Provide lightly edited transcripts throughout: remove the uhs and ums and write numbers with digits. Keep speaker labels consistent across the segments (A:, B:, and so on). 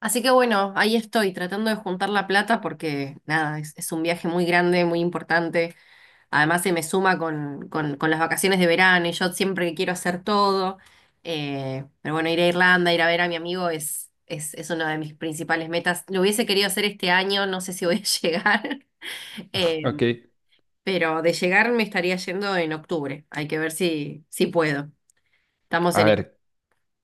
A: Así que bueno, ahí estoy tratando de juntar la plata porque nada, es un viaje muy grande, muy importante. Además se me suma con las vacaciones de verano y yo siempre quiero hacer todo. Pero bueno, ir a Irlanda, ir a ver a mi amigo es una de mis principales metas. Lo hubiese querido hacer este año, no sé si voy a llegar, Eh,
B: Ok,
A: pero de llegar me estaría yendo en octubre. Hay que ver si puedo. Estamos
B: a
A: en ello.
B: ver,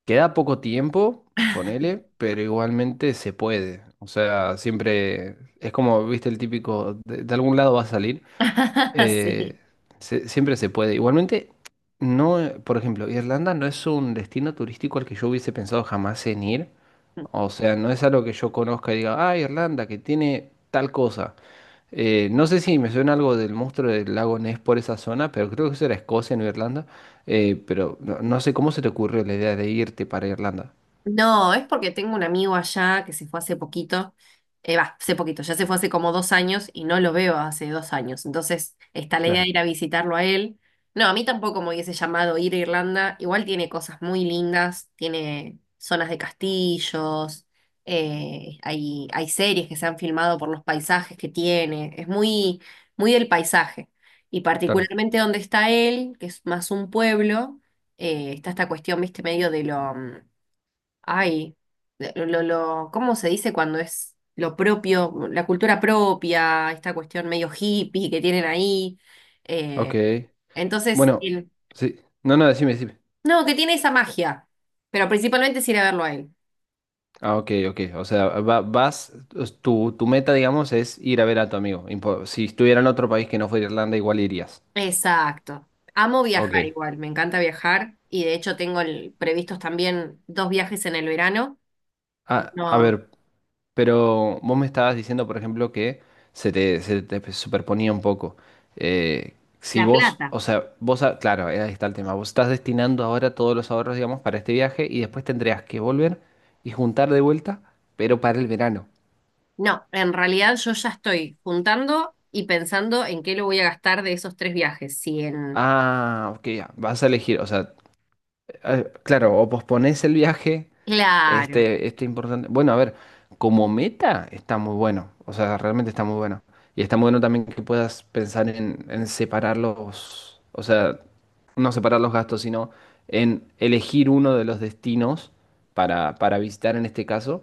B: queda poco tiempo, ponele, pero igualmente se puede. O sea, siempre es como, viste, el típico, de algún lado va a salir. eh,
A: Sí.
B: Siempre se puede. Igualmente, no, por ejemplo, Irlanda no es un destino turístico al que yo hubiese pensado jamás en ir. O sea, no es algo que yo conozca y diga, ah, Irlanda, que tiene tal cosa. No sé si me suena algo del monstruo del lago Ness por esa zona, pero creo que eso era Escocia, no Irlanda. Pero no, no sé cómo se te ocurrió la idea de irte para Irlanda.
A: No, es porque tengo un amigo allá que se fue hace poquito, hace poquito, ya se fue hace como dos años y no lo veo hace dos años. Entonces está la idea de
B: Claro,
A: ir a visitarlo a él. No, a mí tampoco me hubiese llamado ir a Irlanda. Igual tiene cosas muy lindas, tiene zonas de castillos, hay series que se han filmado por los paisajes que tiene. Es muy del paisaje. Y
B: claro.
A: particularmente donde está él, que es más un pueblo, está esta cuestión, viste, medio de Ay, ¿cómo se dice cuando es lo propio, la cultura propia, esta cuestión medio hippie que tienen ahí?
B: Ok.
A: Eh, entonces,
B: Bueno,
A: el-
B: sí. No, no, decime, decime.
A: no, que tiene esa magia, pero principalmente es ir a verlo a él.
B: Ah, ok, ok. O sea, vas, es tu meta, digamos, es ir a ver a tu amigo. Si estuviera en otro país que no fuera Irlanda, igual irías.
A: Exacto. Amo viajar
B: Ok.
A: igual, me encanta viajar y de hecho previstos también dos viajes en el verano.
B: Ah, a
A: No,
B: ver, pero vos me estabas diciendo, por ejemplo, que se te superponía un poco. Eh, si
A: La
B: vos,
A: Plata.
B: o sea, vos, claro, ahí está el tema. Vos estás destinando ahora todos los ahorros, digamos, para este viaje y después tendrías que volver y juntar de vuelta, pero para el verano.
A: No, en realidad yo ya estoy juntando y pensando en qué lo voy a gastar de esos tres viajes. Si en
B: Ah, ok, ya, vas a elegir, o sea, claro, o posponés el viaje.
A: claro.
B: Este importante. Bueno, a ver, como meta está muy bueno. O sea, realmente está muy bueno. Y está muy bueno también que puedas pensar en, separarlos. O sea, no separar los gastos, sino en elegir uno de los destinos para visitar en este caso,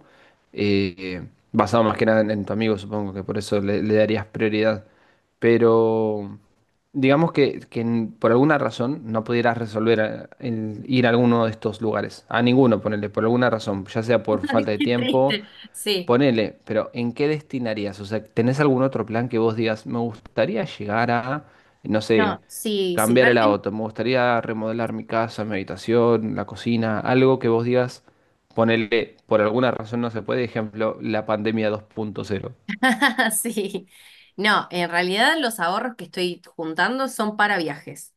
B: eh, basado más que nada en, en tu amigo, supongo que por eso le, le darías prioridad. Pero digamos que, por alguna razón no pudieras resolver el ir a alguno de estos lugares, a ninguno, ponerle por alguna razón, ya sea por falta de
A: Qué
B: tiempo.
A: triste. Sí.
B: Ponele, pero ¿en qué destinarías? O sea, ¿tenés algún otro plan que vos digas, me gustaría llegar a, no sé,
A: No, sí, sí,
B: cambiar el
A: realmente.
B: auto, me gustaría remodelar mi casa, mi habitación, la cocina, algo que vos digas, ponele, por alguna razón no se puede, ejemplo, la pandemia dos punto cero.
A: Sí. No, en realidad los ahorros que estoy juntando son para viajes.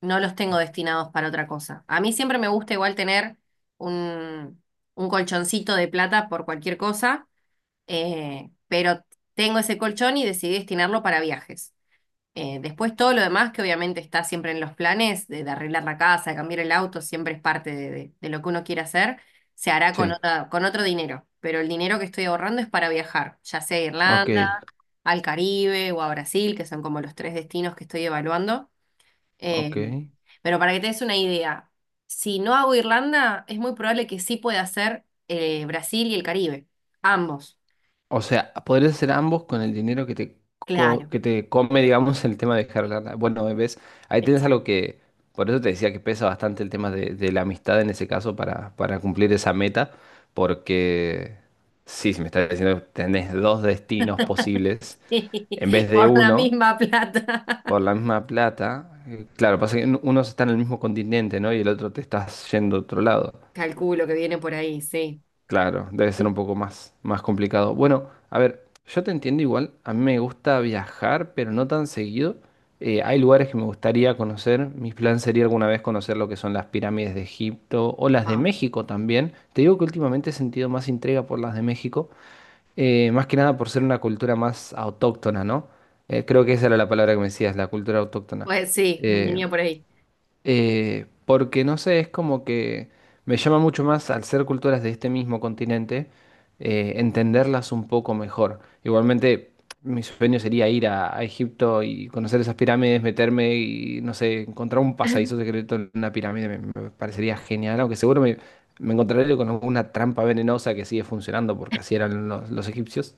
A: No los tengo destinados para otra cosa. A mí siempre me gusta igual tener un, un colchoncito de plata por cualquier cosa, pero tengo ese colchón y decidí destinarlo para viajes. Después todo lo demás que obviamente está siempre en los planes, de arreglar la casa, de cambiar el auto, siempre es parte de lo que uno quiere hacer, se hará con
B: Sí,
A: con otro dinero, pero el dinero que estoy ahorrando es para viajar, ya sea a
B: ok,
A: Irlanda, al Caribe o a Brasil, que son como los tres destinos que estoy evaluando. Eh,
B: ok.
A: pero para que te des una idea, si no hago Irlanda, es muy probable que sí pueda hacer Brasil y el Caribe, ambos.
B: O sea, podrías hacer ambos con el dinero que te,
A: Claro,
B: que te come, digamos, el tema de dejar lana. Bueno, ves, ahí tienes algo
A: exacto.
B: que, por eso te decía que pesa bastante el tema de la amistad en ese caso para cumplir esa meta, porque sí, si me estás diciendo que tenés dos destinos posibles en vez de
A: Por la
B: uno,
A: misma plata.
B: por la misma plata, claro, pasa que uno está en el mismo continente, ¿no? Y el otro te estás yendo a otro lado.
A: Calculo que viene por ahí, sí.
B: Claro, debe ser un
A: Sí.
B: poco más, más complicado. Bueno, a ver, yo te entiendo igual, a mí me gusta viajar, pero no tan seguido. Hay lugares que me gustaría conocer, mi plan sería alguna vez conocer lo que son las pirámides de Egipto o las de
A: Ah,
B: México también. Te digo que últimamente he sentido más intriga por las de México, más que nada por ser una cultura más autóctona, ¿no? Creo que esa era la palabra que me decías, la cultura autóctona.
A: pues sí,
B: Eh,
A: venía por ahí.
B: Porque no sé, es como que me llama mucho más al ser culturas de este mismo continente, entenderlas un poco mejor. Igualmente, mi sueño sería ir a Egipto y conocer esas pirámides, meterme y, no sé, encontrar un pasadizo secreto en una pirámide, me parecería genial, aunque me encontraré con alguna trampa venenosa que sigue funcionando porque así eran los egipcios.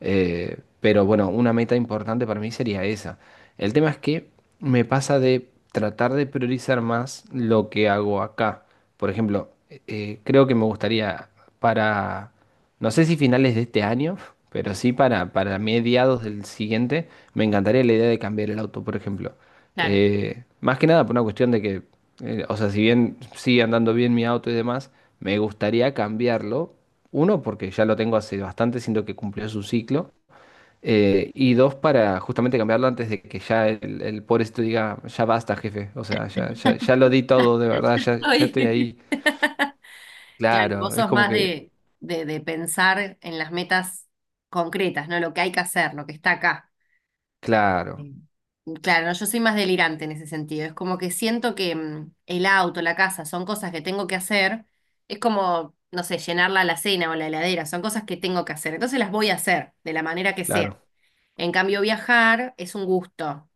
B: Pero bueno, una meta importante para mí sería esa. El tema es que me pasa de tratar de priorizar más lo que hago acá. Por ejemplo, creo que me gustaría para, no sé si finales de este año, pero sí para mediados del siguiente, me encantaría la idea de cambiar el auto, por ejemplo.
A: Claro.
B: Más que nada por una cuestión de que, o sea, si bien sigue andando bien mi auto y demás, me gustaría cambiarlo. Uno, porque ya lo tengo hace bastante, siento que cumplió su ciclo. Y dos, para justamente cambiarlo antes de que ya el pobrecito diga, ya basta, jefe. O sea, ya, ya, ya lo di todo, de verdad, ya, ya estoy
A: Oye,
B: ahí.
A: claro, vos
B: Claro, es
A: sos
B: como
A: más
B: que,
A: de, de pensar en las metas concretas, ¿no? Lo que hay que hacer, lo que está acá.
B: claro,
A: Sí. Claro, no, yo soy más delirante en ese sentido. Es como que siento que mm, el auto, la casa, son cosas que tengo que hacer. Es como, no sé, llenar la alacena o la heladera, son cosas que tengo que hacer. Entonces las voy a hacer de la manera que sea.
B: claro,
A: En cambio, viajar es un gusto,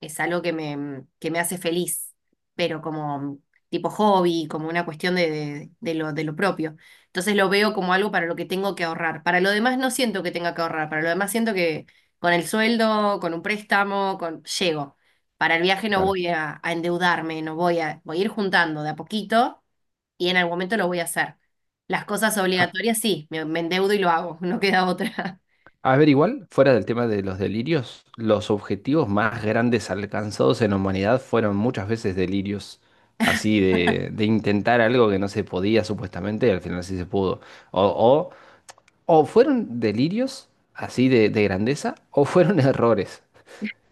A: es algo que me hace feliz, pero como tipo hobby, como una cuestión de, de lo propio. Entonces lo veo como algo para lo que tengo que ahorrar. Para lo demás no siento que tenga que ahorrar, para lo demás siento que con el sueldo, con un préstamo, con... llego. Para el viaje no
B: claro.
A: voy a endeudarme, no voy a, voy a ir juntando de a poquito y en algún momento lo voy a hacer. Las cosas obligatorias sí, me endeudo y lo hago, no queda otra.
B: A ver, igual, fuera del tema de los delirios, los objetivos más grandes alcanzados en la humanidad fueron muchas veces delirios, así de intentar algo que no se podía supuestamente y al final sí se pudo. O, o fueron delirios así de grandeza o fueron errores.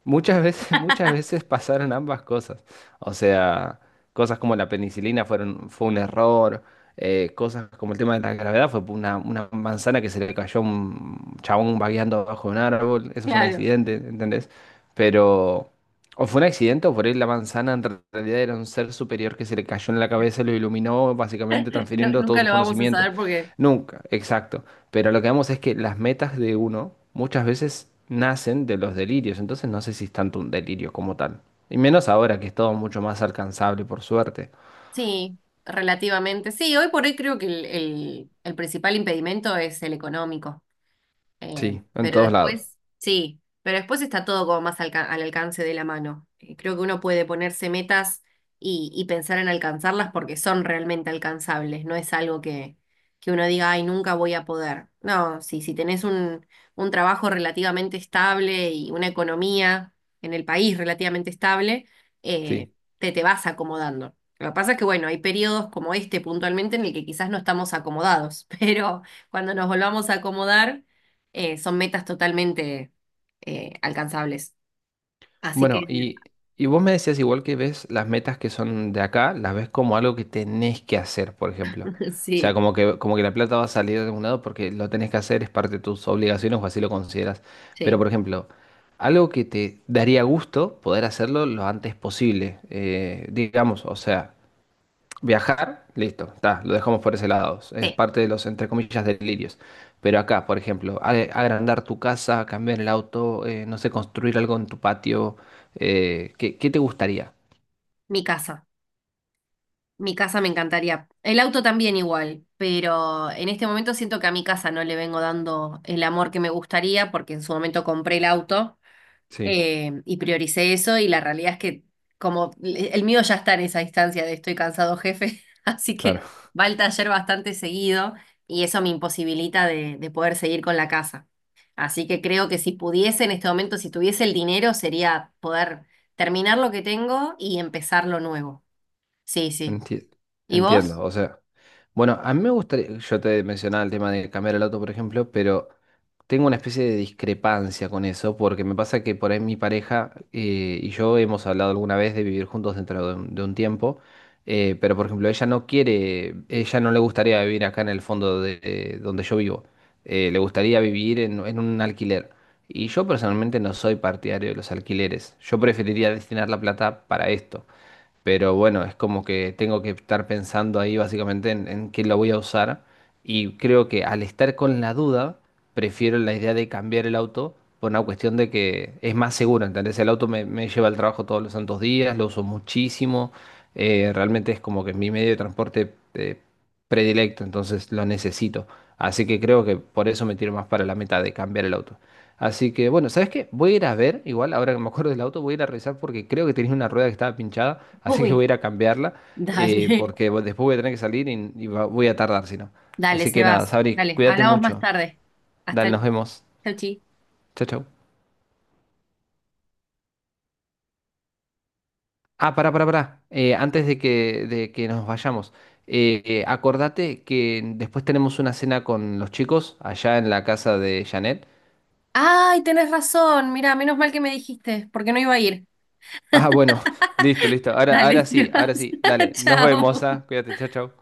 B: Muchas veces, muchas veces pasaron ambas cosas. O sea, cosas como la penicilina fueron, fue un error, cosas como el tema de la gravedad fue una manzana que se le cayó a un chabón vagueando bajo un árbol, eso fue un
A: Claro.
B: accidente, ¿entendés? Pero, o fue un accidente o por ahí la manzana en realidad era un ser superior que se le cayó en la cabeza y lo iluminó, básicamente
A: No,
B: transfiriendo todos
A: nunca
B: sus
A: lo vamos a
B: conocimientos.
A: saber porque
B: Nunca, exacto. Pero lo que vemos es que las metas de uno muchas veces nacen de los delirios, entonces no sé si es tanto un delirio como tal. Y menos ahora que es todo mucho más alcanzable, por suerte.
A: sí, relativamente. Sí, hoy por hoy creo que el principal impedimento es el económico. Eh,
B: Sí, en
A: pero
B: todos lados.
A: después, sí, pero después está todo como más al alcance de la mano. Creo que uno puede ponerse metas y pensar en alcanzarlas porque son realmente alcanzables, no es algo que uno diga, ay, nunca voy a poder. No, sí, si tenés un trabajo relativamente estable y una economía en el país relativamente estable, eh,
B: Sí.
A: te vas acomodando. Lo que pasa es que, bueno, hay periodos como este puntualmente en el que quizás no estamos acomodados, pero cuando nos volvamos a acomodar son metas totalmente alcanzables. Así
B: Bueno,
A: que
B: y vos me decías igual que ves las metas que son de acá, las ves como algo que tenés que hacer, por ejemplo. O sea,
A: sí,
B: como que la plata va a salir de algún lado porque lo tenés que hacer, es parte de tus obligaciones o así lo consideras. Pero,
A: sí,
B: por ejemplo, algo que te daría gusto poder hacerlo lo antes posible, digamos, o sea. Viajar, listo, está, lo dejamos por ese lado. Es
A: sí,
B: parte de los, entre comillas, delirios. Pero acá, por ejemplo, agrandar tu casa, cambiar el auto, no sé, construir algo en tu patio, ¿qué, qué te gustaría?
A: mi casa, mi casa me encantaría. El auto también igual, pero en este momento siento que a mi casa no le vengo dando el amor que me gustaría porque en su momento compré el auto.
B: Sí.
A: Y prioricé eso y la realidad es que como el mío ya está en esa instancia de estoy cansado, jefe, así que
B: Claro.
A: va al taller bastante seguido y eso me imposibilita de poder seguir con la casa. Así que creo que si pudiese en este momento, si tuviese el dinero, sería poder terminar lo que tengo y empezar lo nuevo. Sí, sí.
B: Enti-
A: ¿Y
B: Entiendo,
A: vos?
B: o sea, bueno, a mí me gustaría, yo te mencionaba el tema de cambiar el auto, por ejemplo, pero tengo una especie de discrepancia con eso, porque me pasa que por ahí mi pareja y yo hemos hablado alguna vez de vivir juntos dentro de un tiempo, pero por ejemplo, ella no quiere, ella no le gustaría vivir acá en el fondo de donde yo vivo, le gustaría vivir en un alquiler. Y yo personalmente no soy partidario de los alquileres, yo preferiría destinar la plata para esto. Pero bueno, es como que tengo que estar pensando ahí básicamente en qué lo voy a usar. Y creo que al estar con la duda, prefiero la idea de cambiar el auto por una cuestión de que es más seguro, ¿entendés? El auto me, me lleva al trabajo todos los santos días, lo uso muchísimo. Realmente es como que mi medio de transporte predilecto, entonces lo necesito. Así que creo que por eso me tiro más para la meta de cambiar el auto. Así que bueno, ¿sabes qué? Voy a ir a ver, igual ahora que me acuerdo del auto, voy a ir a revisar porque creo que tenía una rueda que estaba pinchada, así que voy
A: Uy.
B: a ir a cambiarla,
A: Dale,
B: porque bueno, después voy a tener que salir y, voy a tardar, si no.
A: dale,
B: Así que nada,
A: Sebas.
B: Sabri,
A: Dale,
B: cuídate
A: hablamos más
B: mucho.
A: tarde. Hasta
B: Dale, nos
A: luego.
B: vemos.
A: Chau, chi.
B: Chau, chau. Ah, pará, pará, pará. Antes de que nos vayamos, acordate que después tenemos una cena con los chicos allá en la casa de Janet.
A: Ay, tenés razón. Mira, menos mal que me dijiste, porque no iba a ir.
B: Ah, bueno, listo, listo. Ahora,
A: Dale,
B: ahora
A: te
B: sí, ahora
A: vas.
B: sí. Dale, nos vemos,
A: Chao.
B: ah. Cuídate, chau, chau.